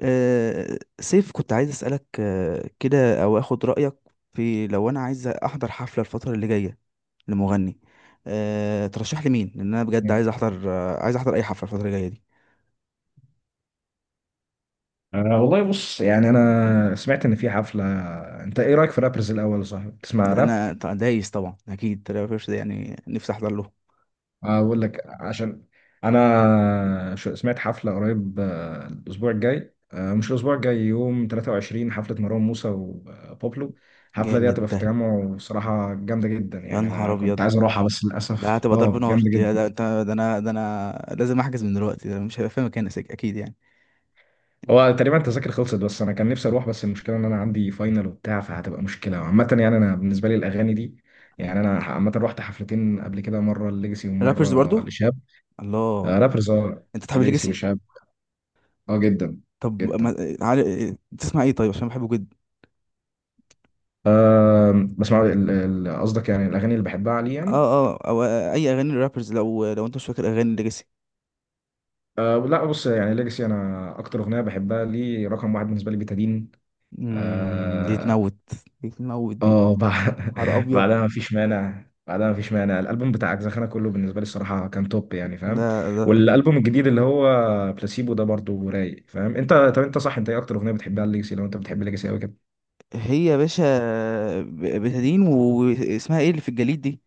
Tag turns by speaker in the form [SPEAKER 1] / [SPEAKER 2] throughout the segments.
[SPEAKER 1] سيف، كنت عايز أسألك كده، أو أخد رأيك في لو أنا عايز أحضر حفلة الفترة اللي جاية لمغني. ترشح لي مين؟ لأن أنا بجد
[SPEAKER 2] مم.
[SPEAKER 1] عايز أحضر عايز أحضر أي حفلة الفترة اللي جاية دي.
[SPEAKER 2] أه، والله، بص، يعني انا سمعت ان في حفله. انت ايه رايك في رابرز الاول؟ صح بتسمع راب؟
[SPEAKER 1] دايس طبعا، أكيد ترافيس سكوت ده يعني نفسي أحضر له.
[SPEAKER 2] اقول لك، عشان انا سمعت حفله قريب، الاسبوع الجاي، مش الاسبوع الجاي، يوم 23 حفله مروان موسى وبوبلو. الحفله دي
[SPEAKER 1] جامد
[SPEAKER 2] هتبقى في
[SPEAKER 1] ده.
[SPEAKER 2] التجمع، وصراحه جامده جدا.
[SPEAKER 1] يا
[SPEAKER 2] يعني
[SPEAKER 1] نهار
[SPEAKER 2] انا كنت
[SPEAKER 1] أبيض!
[SPEAKER 2] عايز اروحها بس
[SPEAKER 1] ده
[SPEAKER 2] للاسف،
[SPEAKER 1] هتبقى ضرب نار.
[SPEAKER 2] جامده جدا.
[SPEAKER 1] ده أنا لازم أحجز من دلوقتي، ده مش هيبقى في مكان أكيد يعني.
[SPEAKER 2] هو تقريبا التذاكر خلصت، بس انا كان نفسي اروح. بس المشكله ان انا عندي فاينل وبتاع، فهتبقى مشكله عامه. يعني انا بالنسبه لي الاغاني دي، يعني انا عامه رحت حفلتين قبل كده، مره ليجاسي
[SPEAKER 1] رابرز
[SPEAKER 2] ومره
[SPEAKER 1] برضو.
[SPEAKER 2] لشاب. آه،
[SPEAKER 1] الله!
[SPEAKER 2] رابرز، اه.
[SPEAKER 1] أنت تحب
[SPEAKER 2] ليجاسي
[SPEAKER 1] الليجاسي؟
[SPEAKER 2] وشاب. اه، جدا.
[SPEAKER 1] طب ما...
[SPEAKER 2] جدا.
[SPEAKER 1] آه، عارف- آه، تسمع إيه طيب؟ عشان بحبه جدا.
[SPEAKER 2] بسمع قصدك، يعني الاغاني اللي بحبها عليه، يعني.
[SPEAKER 1] اه اه او اي اغاني الرابرز، لو انت مش فاكر اغاني ليجاسي.
[SPEAKER 2] أه لا، بص، يعني ليجاسي، انا اكتر اغنيه بحبها ليه رقم واحد بالنسبه لي بتادين.
[SPEAKER 1] دي
[SPEAKER 2] اه.
[SPEAKER 1] تموت. دي تموت دي.
[SPEAKER 2] آه، بع-
[SPEAKER 1] نهار ابيض.
[SPEAKER 2] بعدها مفيش مانع، بعدها مفيش
[SPEAKER 1] مم.
[SPEAKER 2] مانع، الالبوم بتاع اجزخانه كله بالنسبه لي الصراحه كان توب، يعني فاهم.
[SPEAKER 1] ده، اكيد.
[SPEAKER 2] والالبوم الجديد اللي هو بلاسيبو ده برضو رايق، فاهم انت؟ طب انت صح، انت ايه اكتر اغنيه بتحبها ليجاسي، لو انت بتحب ليجاسي قوي كده؟
[SPEAKER 1] هي يا باشا. ب- بتدين، واسمها ايه اللي في الجليد دي؟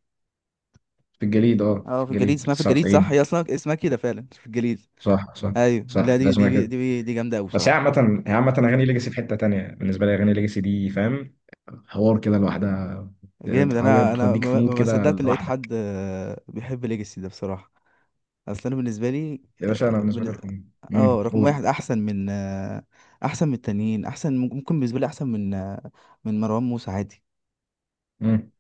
[SPEAKER 2] في الجليد، اه،
[SPEAKER 1] اه،
[SPEAKER 2] في
[SPEAKER 1] في الجليد
[SPEAKER 2] الجليد
[SPEAKER 1] اسمها في الجليد، صح.
[SPEAKER 2] 99.
[SPEAKER 1] هي اصلا اسمها كده فعلا، في الجليد.
[SPEAKER 2] صح، صح،
[SPEAKER 1] ايوه.
[SPEAKER 2] صح،
[SPEAKER 1] لا،
[SPEAKER 2] ده
[SPEAKER 1] دي
[SPEAKER 2] اسمها
[SPEAKER 1] دي
[SPEAKER 2] كده.
[SPEAKER 1] دي دي جامده قوي
[SPEAKER 2] بس هي
[SPEAKER 1] بصراحه.
[SPEAKER 2] عامة هي عامة أغاني ليجاسي في حتة تانية بالنسبة لي، أغاني ليجاسي دي فاهم، حوار كده لوحدها.
[SPEAKER 1] جامد.
[SPEAKER 2] بتحاول
[SPEAKER 1] انا
[SPEAKER 2] بتوديك في
[SPEAKER 1] ما
[SPEAKER 2] مود
[SPEAKER 1] ما- ما
[SPEAKER 2] كده
[SPEAKER 1] صدقت إن لقيت حد
[SPEAKER 2] لوحدك.
[SPEAKER 1] بيحب ليجاسي ده، بصراحه. اصل انا بالنسبه لي.
[SPEAKER 2] يا باشا أنا بالنسبة لي رقم. امم،
[SPEAKER 1] اه، رقم
[SPEAKER 2] قول.
[SPEAKER 1] واحد احسن من احسن من التانيين. احسن، ممكن بالنسبه لي، احسن من من مروان موسى عادي.
[SPEAKER 2] امم.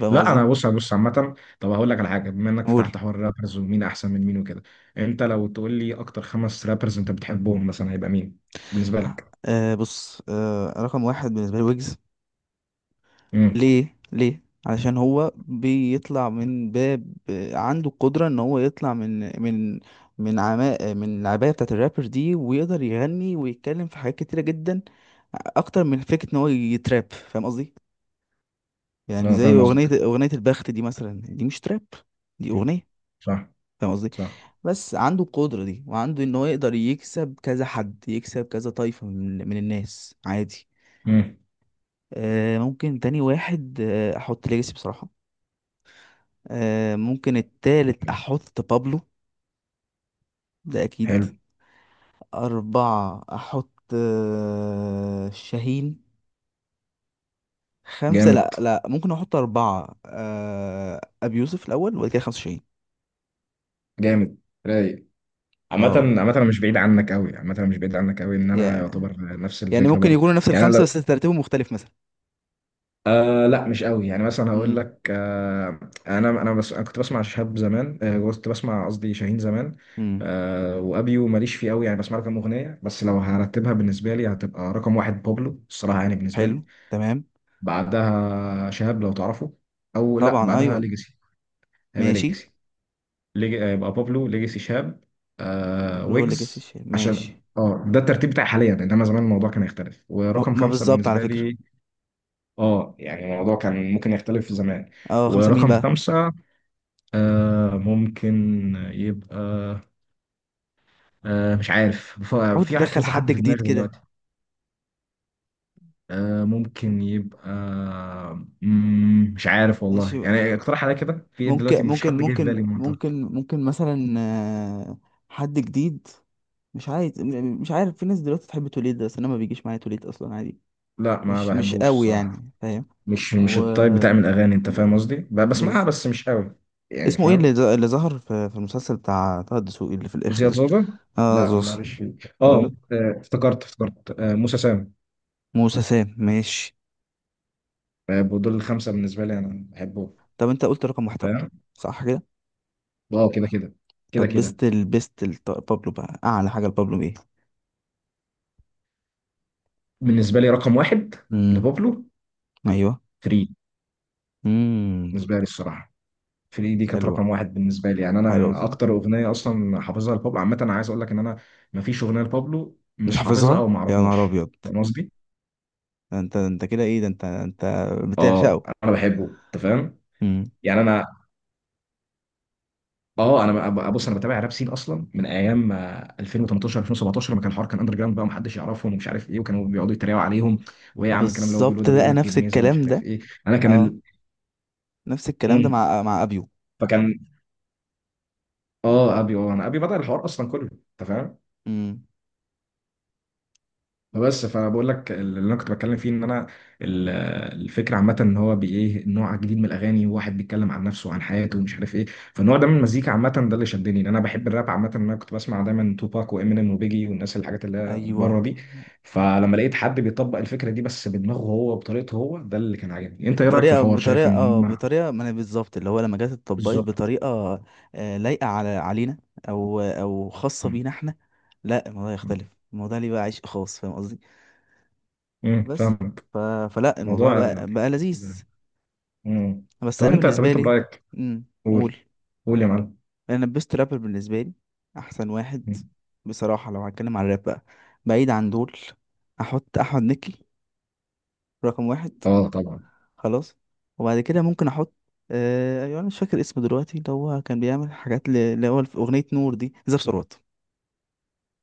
[SPEAKER 1] فاهم
[SPEAKER 2] لا،
[SPEAKER 1] قصدي؟
[SPEAKER 2] أنا بص، بص، عامة. طب هقول لك على حاجة، بما إنك
[SPEAKER 1] قول.
[SPEAKER 2] فتحت حوار الرابرز ومين أحسن من مين وكده، أنت لو تقول لي أكتر خمس رابرز أنت بتحبهم مثلا، هيبقى مين بالنسبة لك؟
[SPEAKER 1] أه، بص. أه، رقم واحد بالنسبه لي ويجز.
[SPEAKER 2] امم.
[SPEAKER 1] ليه؟ ليه؟ علشان هو بيطلع من باب عنده القدره ان هو يطلع من من عماء، من العبايه بتاعه الرابر دي، ويقدر يغني ويتكلم في حاجات كتيره جدا، اكتر من فكره ان هو يتراب، فاهم قصدي؟ يعني
[SPEAKER 2] أنا
[SPEAKER 1] زي
[SPEAKER 2] فاهم قصدك.
[SPEAKER 1] اغنيه البخت دي مثلا، دي مش تراب. دي
[SPEAKER 2] مم.
[SPEAKER 1] اغنيه،
[SPEAKER 2] صح.
[SPEAKER 1] فاهم قصدي؟
[SPEAKER 2] صح.
[SPEAKER 1] بس عنده القدرة دي، وعنده ان هو يقدر يكسب كذا حد، يكسب كذا طايفة من الناس عادي.
[SPEAKER 2] امم.
[SPEAKER 1] آه، ممكن تاني واحد احط ليجاسي بصراحة. آه، ممكن التالت احط بابلو، ده اكيد.
[SPEAKER 2] حلو.
[SPEAKER 1] اربعة، احط شاهين. خمسة.
[SPEAKER 2] جامد،
[SPEAKER 1] لا لا، ممكن احط اربعة ابي يوسف الاول، وبعد كده خمسة شاهين.
[SPEAKER 2] جامد، رايق. عامة
[SPEAKER 1] اه.
[SPEAKER 2] عامة انا مش بعيد عنك قوي، عامة انا مش بعيد عنك قوي، ان انا
[SPEAKER 1] يا-
[SPEAKER 2] يعتبر نفس
[SPEAKER 1] يعني
[SPEAKER 2] الفكرة
[SPEAKER 1] ممكن
[SPEAKER 2] برضو.
[SPEAKER 1] يكونوا نفس
[SPEAKER 2] يعني انا لو،
[SPEAKER 1] الخمسة بس ترتيبهم مختلف مثلا.
[SPEAKER 2] لا مش قوي، يعني مثلا هقول
[SPEAKER 1] امم
[SPEAKER 2] لك، انا بس انا كنت بسمع شهاب زمان، كنت بسمع، قصدي شاهين زمان.
[SPEAKER 1] امم
[SPEAKER 2] وابيو ماليش فيه قوي، يعني بسمع له كام اغنية. بس لو هرتبها بالنسبة لي هتبقى رقم واحد بابلو الصراحة، يعني بالنسبة
[SPEAKER 1] حلو،
[SPEAKER 2] لي.
[SPEAKER 1] تمام.
[SPEAKER 2] بعدها شهاب، لو تعرفه، او لا
[SPEAKER 1] طبعا
[SPEAKER 2] بعدها
[SPEAKER 1] ايوه.
[SPEAKER 2] ليجاسي. هيبقى
[SPEAKER 1] ماشي.
[SPEAKER 2] ليجاسي. يبقى بابلو، ليجاسي، شهاب،
[SPEAKER 1] طب، لو ليجاسي
[SPEAKER 2] ويجز.
[SPEAKER 1] الشاي
[SPEAKER 2] عشان
[SPEAKER 1] ماشي.
[SPEAKER 2] ده الترتيب بتاعي حاليا، انما زمان الموضوع كان يختلف.
[SPEAKER 1] ما,
[SPEAKER 2] ورقم
[SPEAKER 1] ما
[SPEAKER 2] خمسه
[SPEAKER 1] بالظبط، على
[SPEAKER 2] بالنسبه
[SPEAKER 1] فكره.
[SPEAKER 2] لي، اه يعني الموضوع كان ممكن يختلف في زمان.
[SPEAKER 1] اه، خمسه مين
[SPEAKER 2] ورقم
[SPEAKER 1] بقى؟
[SPEAKER 2] خمسه ممكن يبقى، مش عارف،
[SPEAKER 1] حاول
[SPEAKER 2] في
[SPEAKER 1] تدخل
[SPEAKER 2] كذا حد
[SPEAKER 1] حد
[SPEAKER 2] في
[SPEAKER 1] جديد
[SPEAKER 2] دماغي
[SPEAKER 1] كده.
[SPEAKER 2] دلوقتي. ممكن يبقى، مش عارف والله،
[SPEAKER 1] ماشي.
[SPEAKER 2] يعني اقترح عليا كده، في ايه دلوقتي؟ مفيش حد جاي في بالي منطقة.
[SPEAKER 1] ممكن مثلا، آه، حد جديد. مش عايز مش عارف. في ناس دلوقتي تحب توليد، بس انا ما بيجيش معايا توليد اصلا عادي.
[SPEAKER 2] لا، ما
[SPEAKER 1] مش
[SPEAKER 2] بحبوش
[SPEAKER 1] قوي
[SPEAKER 2] الصراحه،
[SPEAKER 1] يعني، فاهم؟
[SPEAKER 2] مش
[SPEAKER 1] و
[SPEAKER 2] التايب بتاع من الاغاني انت فاهم قصدي، بسمعها
[SPEAKER 1] بز...
[SPEAKER 2] بس مش قوي، يعني
[SPEAKER 1] اسمه ايه
[SPEAKER 2] فاهم.
[SPEAKER 1] اللي، اللي ظهر في المسلسل بتاع طه الدسوقي اللي في الاخر
[SPEAKER 2] زياد
[SPEAKER 1] ده؟
[SPEAKER 2] زوزة.
[SPEAKER 1] اه،
[SPEAKER 2] لا،
[SPEAKER 1] زوز.
[SPEAKER 2] معلش، فيه، اه.
[SPEAKER 1] برضه.
[SPEAKER 2] افتكرت، افتكرت، موسى سام.
[SPEAKER 1] موسى سام، ماشي.
[SPEAKER 2] دول الخمسه بالنسبه لي انا بحبهم،
[SPEAKER 1] طب انت قلت رقم واحد بابلو،
[SPEAKER 2] فاهم.
[SPEAKER 1] صح كده.
[SPEAKER 2] اه، كده كده. كده
[SPEAKER 1] طب،
[SPEAKER 2] كده.
[SPEAKER 1] طب بابلو بقى، اعلى حاجه لبابلو ايه؟
[SPEAKER 2] بالنسبه لي رقم واحد
[SPEAKER 1] امم
[SPEAKER 2] لبابلو،
[SPEAKER 1] ايوه
[SPEAKER 2] فري.
[SPEAKER 1] امم
[SPEAKER 2] بالنسبه لي الصراحه فري دي كانت
[SPEAKER 1] حلوه.
[SPEAKER 2] رقم واحد بالنسبه لي، يعني
[SPEAKER 1] حلوه
[SPEAKER 2] انا
[SPEAKER 1] بصراحه.
[SPEAKER 2] اكتر اغنيه اصلا حافظها لبابلو. عامه انا عايز اقول لك ان انا مفيش اغنيه لبابلو
[SPEAKER 1] مش
[SPEAKER 2] مش حافظها
[SPEAKER 1] حافظها
[SPEAKER 2] او ما
[SPEAKER 1] يا نهار
[SPEAKER 2] اعرفهاش،
[SPEAKER 1] ابيض!
[SPEAKER 2] فاهم قصدي؟
[SPEAKER 1] ده انت كده؟ ايه ده انت
[SPEAKER 2] اه،
[SPEAKER 1] بتعشقه؟
[SPEAKER 2] انا بحبه، انت فاهم.
[SPEAKER 1] امم.
[SPEAKER 2] يعني انا بص، انا بتابع راب سين اصلا من ايام، 2018 2017، لما كان الحوار اندر جراوند بقى، ومحدش يعرفهم، ومش عارف ايه، وكانوا بيقعدوا يتريقوا عليهم، وايه يا
[SPEAKER 1] اه،
[SPEAKER 2] عم الكلام اللي هو بيقوله
[SPEAKER 1] بالظبط،
[SPEAKER 2] ده، بيقول
[SPEAKER 1] بقى
[SPEAKER 2] لك
[SPEAKER 1] نفس
[SPEAKER 2] جميزه ومش
[SPEAKER 1] الكلام
[SPEAKER 2] عارف
[SPEAKER 1] ده.
[SPEAKER 2] ايه. انا كان
[SPEAKER 1] اه،
[SPEAKER 2] ال...
[SPEAKER 1] نفس الكلام ده
[SPEAKER 2] مم.
[SPEAKER 1] مع ابيو.
[SPEAKER 2] فكان اه ابي، انا، ابي بدأ الحوار اصلا كله، انت فاهم.
[SPEAKER 1] امم.
[SPEAKER 2] بس فانا بقول لك اللي انا كنت بتكلم فيه، ان ال- الفكره عامه ان هو ايه نوع جديد من الاغاني، واحد بيتكلم عن نفسه وعن حياته ومش عارف ايه. فالنوع ده من المزيكا عامه ده اللي شدني، لان انا بحب الراب عامه، إن انا كنت بسمع دايما توباك وامينيم وبيجي والناس، الحاجات اللي هي
[SPEAKER 1] ايوه.
[SPEAKER 2] بره دي. فلما لقيت حد بيطبق الفكره دي بس بدماغه هو وبطريقته هو، ده اللي كان عاجبني. انت ايه رايك في
[SPEAKER 1] بطريقه
[SPEAKER 2] الحوار؟ شايف
[SPEAKER 1] بطريقه
[SPEAKER 2] ان
[SPEAKER 1] اه،
[SPEAKER 2] هم
[SPEAKER 1] بطريقه ما. انا بالظبط، اللي هو لما جت اتطبقت
[SPEAKER 2] بالظبط؟
[SPEAKER 1] بطريقه لايقه علينا، او خاصه بينا احنا. لا، الموضوع يختلف. الموضوع ليه بقى عشق خاص، فاهم قصدي؟
[SPEAKER 2] امم،
[SPEAKER 1] بس
[SPEAKER 2] فاهمك.
[SPEAKER 1] ف... فلا، الموضوع
[SPEAKER 2] موضوع
[SPEAKER 1] بقى
[SPEAKER 2] يعني كده.
[SPEAKER 1] لذيذ.
[SPEAKER 2] مم.
[SPEAKER 1] بس
[SPEAKER 2] طب
[SPEAKER 1] انا
[SPEAKER 2] انت طب
[SPEAKER 1] بالنسبه
[SPEAKER 2] انت
[SPEAKER 1] لي.
[SPEAKER 2] برايك،
[SPEAKER 1] امم
[SPEAKER 2] قول،
[SPEAKER 1] قول.
[SPEAKER 2] قول يا معلم.
[SPEAKER 1] انا البيست رابر بالنسبه لي، احسن واحد،
[SPEAKER 2] مم.
[SPEAKER 1] بصراحه. لو هتكلم على الراب بقى، بعيد عن دول، احط احمد مكي رقم واحد.
[SPEAKER 2] اه، طبعا.
[SPEAKER 1] خلاص. وبعد كده ممكن احط ايوه، انا مش فاكر اسمه دلوقتي، اللي هو كان بيعمل حاجات اللي هو في اغنيه نور دي، زاب ثروت.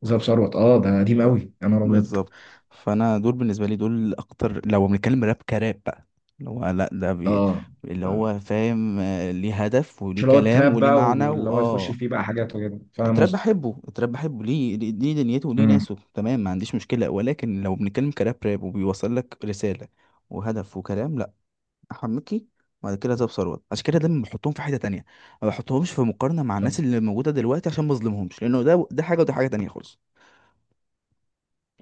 [SPEAKER 2] ذهب ثروت، اه ده قديم
[SPEAKER 1] ب-
[SPEAKER 2] قوي، يا نهار ابيض.
[SPEAKER 1] بالظبط. فانا دول بالنسبه لي، دول اكتر، لو بنتكلم راب كراب بقى. اللي هو لا،
[SPEAKER 2] اه.
[SPEAKER 1] اللي
[SPEAKER 2] ف-
[SPEAKER 1] هو فاهم، ليه هدف
[SPEAKER 2] مش
[SPEAKER 1] وليه
[SPEAKER 2] اللي هو
[SPEAKER 1] كلام
[SPEAKER 2] التراب
[SPEAKER 1] وليه
[SPEAKER 2] بقى،
[SPEAKER 1] معنى
[SPEAKER 2] واللي هو يخش
[SPEAKER 1] واه.
[SPEAKER 2] فيه بقى حاجات وكده، فاهم قصدك.
[SPEAKER 1] التراب بحبه، ليه ليه دنيته وليه
[SPEAKER 2] امم.
[SPEAKER 1] ناسه، تمام، ما عنديش مشكله. ولكن لو بنتكلم كراب راب، وبيوصل لك رساله وهدف وكلام، لا. حنوكي. وبعد كده زاب ثروت. عشان كده دايما بحطهم في حته تانية، ما بحطهمش في مقارنه مع
[SPEAKER 2] صح.
[SPEAKER 1] الناس اللي موجوده دلوقتي، عشان ما اظلمهمش، لانه ده حاجه، وده حاجه تانية خالص.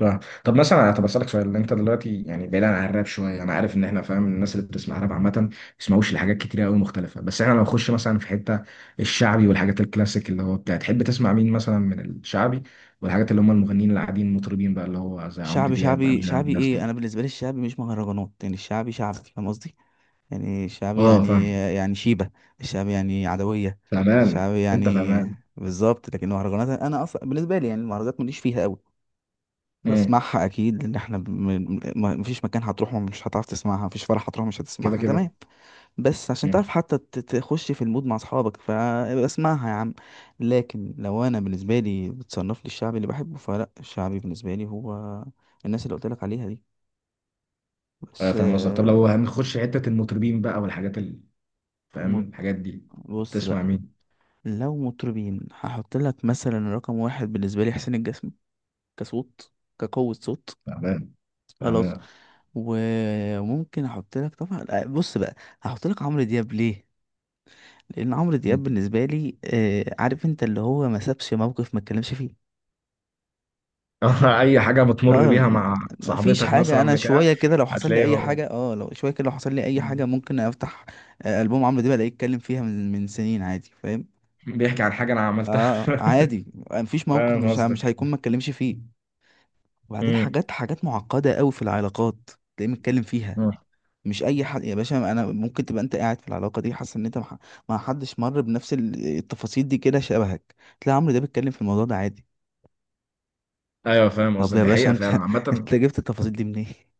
[SPEAKER 2] صح. طب اسالك سؤال، انت دلوقتي يعني بعيدا عن الراب شويه، انا عارف ان احنا فاهم، الناس اللي بتسمع راب عامه ما بيسمعوش لحاجات كتيره قوي مختلفه. بس احنا لو نخش مثلا في حته الشعبي والحاجات الكلاسيك، اللي هو بتاع، تحب تسمع مين مثلا من الشعبي، والحاجات اللي هم المغنيين اللي قاعدين، المطربين بقى، اللي هو زي عمرو دياب، انغام،
[SPEAKER 1] شعبي
[SPEAKER 2] الناس
[SPEAKER 1] ايه انا
[SPEAKER 2] دي؟
[SPEAKER 1] بالنسبه لي؟ الشعبي مش مهرجانات، يعني الشعبي شعبي، فاهم قصدي؟ يعني الشعبي
[SPEAKER 2] اه، فاهم.
[SPEAKER 1] يعني شيبه. الشعبي يعني عدويه.
[SPEAKER 2] فاهمان
[SPEAKER 1] الشعبي
[SPEAKER 2] انت،
[SPEAKER 1] يعني
[SPEAKER 2] فاهمان.
[SPEAKER 1] بالظبط. لكن المهرجانات، انا اصلا بالنسبه لي، يعني المهرجانات ماليش فيها قوي.
[SPEAKER 2] امم،
[SPEAKER 1] بسمعها اكيد، لان احنا مفيش مكان هتروح مش هتعرف تسمعها، مفيش فرح هتروح مش
[SPEAKER 2] كده
[SPEAKER 1] هتسمعها،
[SPEAKER 2] كده.
[SPEAKER 1] تمام. بس عشان تعرف حتى تخش في المود مع اصحابك، فاسمعها يا عم. لكن لو انا بالنسبه لي بتصنف لي الشعبي اللي بحبه، فلا، الشعبي بالنسبه لي هو الناس اللي قلت لك عليها دي. بس
[SPEAKER 2] فاهم قصدك. طب
[SPEAKER 1] آه،
[SPEAKER 2] لو هنخش حتة المطربين بقى والحاجات ال... فاهم
[SPEAKER 1] مط-
[SPEAKER 2] الحاجات دي،
[SPEAKER 1] بص
[SPEAKER 2] تسمع
[SPEAKER 1] بقى،
[SPEAKER 2] مين؟
[SPEAKER 1] لو مطربين هحط لك مثلا رقم واحد بالنسبه لي حسين الجسمي، كصوت، كقوة صوت.
[SPEAKER 2] فاهمان،
[SPEAKER 1] خلاص.
[SPEAKER 2] فاهمان.
[SPEAKER 1] وممكن احط لك طبعا بص بقى، هحط لك عمرو دياب ليه. لان عمرو دياب بالنسبه لي عارف انت، اللي هو ما سابش موقف ما اتكلمش فيه.
[SPEAKER 2] أي حاجة بتمر
[SPEAKER 1] لا،
[SPEAKER 2] بيها مع
[SPEAKER 1] ما فيش
[SPEAKER 2] صاحبتك
[SPEAKER 1] حاجة.
[SPEAKER 2] مثلا،
[SPEAKER 1] أنا
[SPEAKER 2] بتاع؟
[SPEAKER 1] شوية كده، لو حصل لي
[SPEAKER 2] هتلاقيه
[SPEAKER 1] أي
[SPEAKER 2] هو
[SPEAKER 1] حاجة اه، لو شوية كده لو حصل لي أي حاجة، ممكن أفتح ألبوم عمرو دياب، ألاقيه اتكلم فيها من سنين عادي، فاهم؟
[SPEAKER 2] بيحكي عن حاجة أنا عملتها.
[SPEAKER 1] اه، عادي. مفيش موقف
[SPEAKER 2] فاهم
[SPEAKER 1] مش مش
[SPEAKER 2] قصدك.
[SPEAKER 1] هيكون ما اتكلمش فيه. وبعدين،
[SPEAKER 2] مم.
[SPEAKER 1] حاجات معقدة قوي في العلاقات، تلاقيه متكلم فيها.
[SPEAKER 2] مم.
[SPEAKER 1] مش أي حد يا باشا. أنا ممكن تبقى أنت قاعد في العلاقة دي حاسس إن أنت ما حدش مر بنفس التفاصيل دي كده شبهك، تلاقي عمرو دياب بيتكلم في الموضوع ده عادي.
[SPEAKER 2] أيوه فاهم
[SPEAKER 1] طب
[SPEAKER 2] قصدك،
[SPEAKER 1] يا
[SPEAKER 2] دي
[SPEAKER 1] باشا
[SPEAKER 2] حقيقة
[SPEAKER 1] أنت!
[SPEAKER 2] فعلا عامة.
[SPEAKER 1] أنت جبت التفاصيل دي منين؟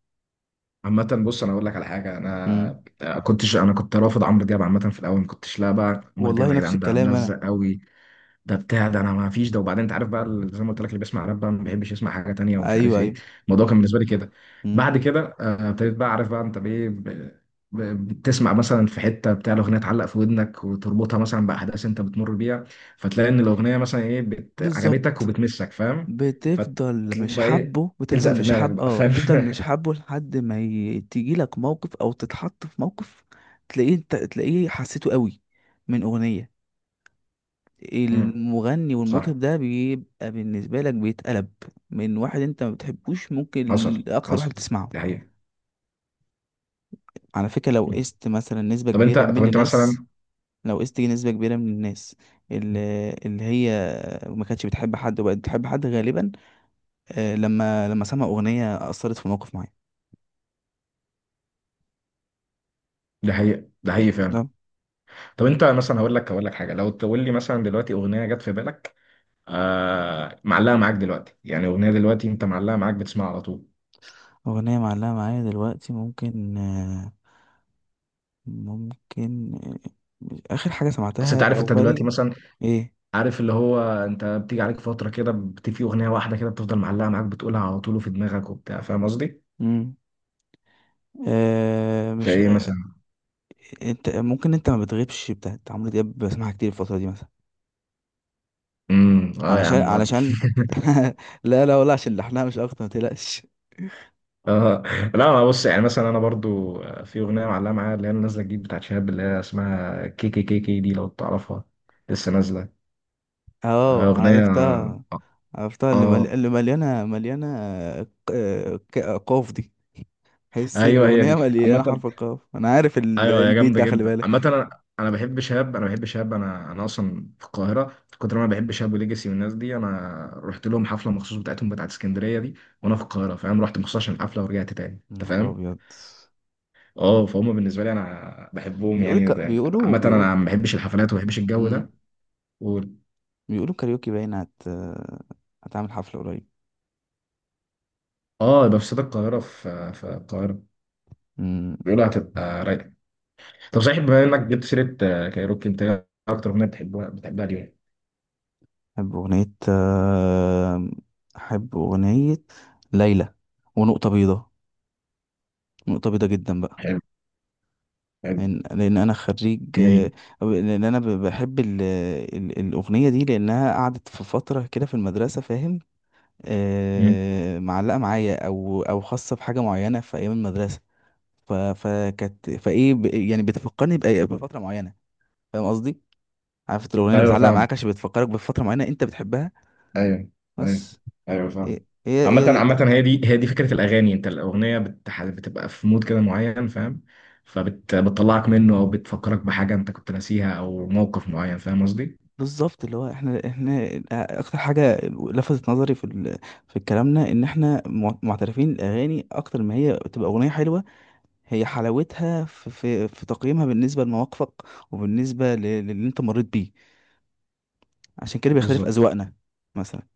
[SPEAKER 2] عامة بص، أنا أقول لك على حاجة،
[SPEAKER 1] مم.
[SPEAKER 2] أنا كنتش، أنا كنت رافض عمرو دياب عامة في الأول، ما كنتش لا بقى عمرو دياب
[SPEAKER 1] والله
[SPEAKER 2] يا
[SPEAKER 1] نفس
[SPEAKER 2] جدعان ده
[SPEAKER 1] الكلام أنا.
[SPEAKER 2] ملزق قوي، ده بتاع، ده انا ما فيش ده. وبعدين انت عارف بقى، زي ما قلت لك، اللي بيسمع راب بقى ما بيحبش يسمع حاجه تانية ومش عارف
[SPEAKER 1] ايوه،
[SPEAKER 2] ايه.
[SPEAKER 1] ايوه.
[SPEAKER 2] الموضوع كان بالنسبه لي كده.
[SPEAKER 1] مم.
[SPEAKER 2] بعد كده، ابتديت بقى، عارف بقى انت بايه، بتسمع مثلا في حته بتاع الاغنيه، تعلق في ودنك وتربطها مثلا باحداث انت بتمر بيها، فتلاقي ان الاغنيه مثلا ايه عجبتك
[SPEAKER 1] بالظبط.
[SPEAKER 2] وبتمسك، فاهم.
[SPEAKER 1] بتفضل
[SPEAKER 2] فتقوم
[SPEAKER 1] مش
[SPEAKER 2] بقى ايه،
[SPEAKER 1] حابه
[SPEAKER 2] تلزق
[SPEAKER 1] بتفضل
[SPEAKER 2] في
[SPEAKER 1] مش
[SPEAKER 2] دماغك
[SPEAKER 1] حاب
[SPEAKER 2] بقى،
[SPEAKER 1] اه
[SPEAKER 2] فاهم.
[SPEAKER 1] بتفضل مش حابه لحد ما تيجي لك موقف، او تتحط في موقف، تلاقيه، انت تلاقيه حسيته قوي من اغنية.
[SPEAKER 2] مم.
[SPEAKER 1] المغني
[SPEAKER 2] صح.
[SPEAKER 1] والمطرب ده بيبقى بالنسبة لك بيتقلب، من واحد انت ما بتحبوش ممكن
[SPEAKER 2] حصل،
[SPEAKER 1] لاكتر واحد
[SPEAKER 2] حصل،
[SPEAKER 1] بتسمعه.
[SPEAKER 2] ده حقيقي.
[SPEAKER 1] على فكرة، لو
[SPEAKER 2] مم.
[SPEAKER 1] قست مثلا نسبة
[SPEAKER 2] طب انت
[SPEAKER 1] كبيرة
[SPEAKER 2] طب
[SPEAKER 1] من
[SPEAKER 2] انت
[SPEAKER 1] الناس،
[SPEAKER 2] مثلا،
[SPEAKER 1] لو قست نسبة كبيرة من الناس اللي هي ما كانتش بتحب حد وبقت بتحب حد، غالبا لما سمع أغنية أثرت في موقف معين.
[SPEAKER 2] ده حقيقي، ده حقيقي فعلا.
[SPEAKER 1] تمام.
[SPEAKER 2] طب انت مثلا، هقول لك حاجه، لو تقول لي مثلا دلوقتي اغنيه جت في بالك، معلقه معاك دلوقتي، يعني اغنيه دلوقتي انت معلقه معاك، بتسمعها على طول.
[SPEAKER 1] أغنية معلقة معايا دلوقتي، ممكن ممكن آخر حاجة
[SPEAKER 2] اصل انت
[SPEAKER 1] سمعتها
[SPEAKER 2] عارف،
[SPEAKER 1] أو
[SPEAKER 2] انت
[SPEAKER 1] بالي.
[SPEAKER 2] دلوقتي مثلا
[SPEAKER 1] إيه.
[SPEAKER 2] عارف اللي هو، انت بتيجي عليك فتره كده، في اغنيه واحده كده بتفضل معلقه معاك، بتقولها على طول وفي دماغك وبتاع، فاهم قصدي؟
[SPEAKER 1] مم. مش
[SPEAKER 2] فايه
[SPEAKER 1] آه،
[SPEAKER 2] مثلا؟
[SPEAKER 1] انت ممكن، انت ما بتغيبش بتاعت عمرو دياب، بسمعها كتير الفترة دي مثلا.
[SPEAKER 2] امم. اه يا عم، ودي.
[SPEAKER 1] علشان. لا لا، ولا عشان لحنها مش اكتر، ما تقلقش.
[SPEAKER 2] اه، لا، انا بص يعني، مثلا انا برضو في اغنيه معلقه معايا، اللي هي نازله جديد بتاعت شهاب، اللي هي اسمها كي كي كي كي دي، لو تعرفها. لسه نازله.
[SPEAKER 1] اه،
[SPEAKER 2] اغنيه،
[SPEAKER 1] عرفتها.
[SPEAKER 2] اه،
[SPEAKER 1] عرفتها، اللي
[SPEAKER 2] آه.
[SPEAKER 1] اللي مليانة قاف دي. حسي
[SPEAKER 2] ايوه هي
[SPEAKER 1] الاغنيه
[SPEAKER 2] دي
[SPEAKER 1] مليانه
[SPEAKER 2] عامة.
[SPEAKER 1] حرف القاف. انا عارف
[SPEAKER 2] ايوه هي
[SPEAKER 1] البيت
[SPEAKER 2] جامدة
[SPEAKER 1] ده، خلي
[SPEAKER 2] جدا
[SPEAKER 1] بالك.
[SPEAKER 2] عامة، انا بحب شهاب، انا بحب شهاب، انا اصلا في القاهرة، في كتر ما انا بحب شهاب وليجاسي والناس دي، انا رحت لهم حفلة مخصوص بتاعتهم بتاعت اسكندرية دي، وانا في القاهرة، فاهم؟ رحت مخصوص عشان الحفلة ورجعت تاني،
[SPEAKER 1] يا
[SPEAKER 2] انت
[SPEAKER 1] نهار
[SPEAKER 2] فاهم.
[SPEAKER 1] ابيض.
[SPEAKER 2] اه، فهم، بالنسبة لي انا بحبهم، يعني عامة
[SPEAKER 1] بيقول.
[SPEAKER 2] انا ما بحبش الحفلات وما بحبش الجو
[SPEAKER 1] مم.
[SPEAKER 2] ده. و...
[SPEAKER 1] بيقولوا كاريوكي باين هتعمل حفله قريب.
[SPEAKER 2] اه، يبقى في استاد القاهرة، في القاهرة.
[SPEAKER 1] مم.
[SPEAKER 2] بيقولوا هتبقى رايقة. طب صحيح، بما انك جبت سيرة، كايروكي، انت إيه اكتر اغنية بتحبها اليوم؟
[SPEAKER 1] احب اغنيه آه، احب اغنيه ليلى ونقطه بيضاء. نقطه بيضاء جدا بقى.
[SPEAKER 2] حلو. حلو.
[SPEAKER 1] لأن انا خريج
[SPEAKER 2] مين؟
[SPEAKER 1] بحب الاغنيه دي، لانها قعدت في فتره كده في المدرسه، فاهم؟ معلقة معايا، او خاصة بحاجة معينة في ايام المدرسة. فكانت يعني بتفكرني بفترة معينة. فاهم قصدي؟ عارف انت الاغنية اللي
[SPEAKER 2] ايوه
[SPEAKER 1] بتعلق
[SPEAKER 2] فاهم.
[SPEAKER 1] معاك عشان بتفكرك بفترة معينة انت بتحبها.
[SPEAKER 2] ايوه. ايوه.
[SPEAKER 1] بس
[SPEAKER 2] ايوه
[SPEAKER 1] هي
[SPEAKER 2] فاهم. عامة
[SPEAKER 1] هي
[SPEAKER 2] عامة
[SPEAKER 1] دي.
[SPEAKER 2] هي دي فكرة الأغاني، أنت الأغنية بتبقى في مود كده معين فاهم، فبتطلعك منه أو بتفكرك بحاجة أنت كنت ناسيها أو موقف معين، فاهم قصدي؟
[SPEAKER 1] بالظبط، اللي هو احنا اكتر حاجة لفتت نظري في كلامنا، ان احنا معترفين الاغاني اكتر ما هي تبقى اغنية حلوة، هي حلاوتها في في تقييمها بالنسبة لمواقفك، وبالنسبة للي انت مريت بيه. عشان كده بيختلف
[SPEAKER 2] بالظبط.
[SPEAKER 1] أذواقنا مثلا.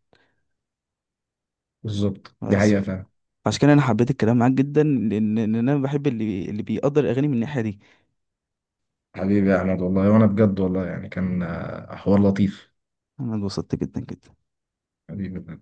[SPEAKER 2] بالظبط دي
[SPEAKER 1] بس
[SPEAKER 2] حقيقة
[SPEAKER 1] ف-
[SPEAKER 2] فاهم.
[SPEAKER 1] عشان كده أنا حبيت الكلام معاك جدا، لأن أنا بحب اللي بيقدر الأغاني من الناحية دي.
[SPEAKER 2] حبيبي يا أحمد والله، وأنا بجد والله يعني كان، حوار لطيف،
[SPEAKER 1] أنا اتبسطت جدا جدا.
[SPEAKER 2] حبيبي.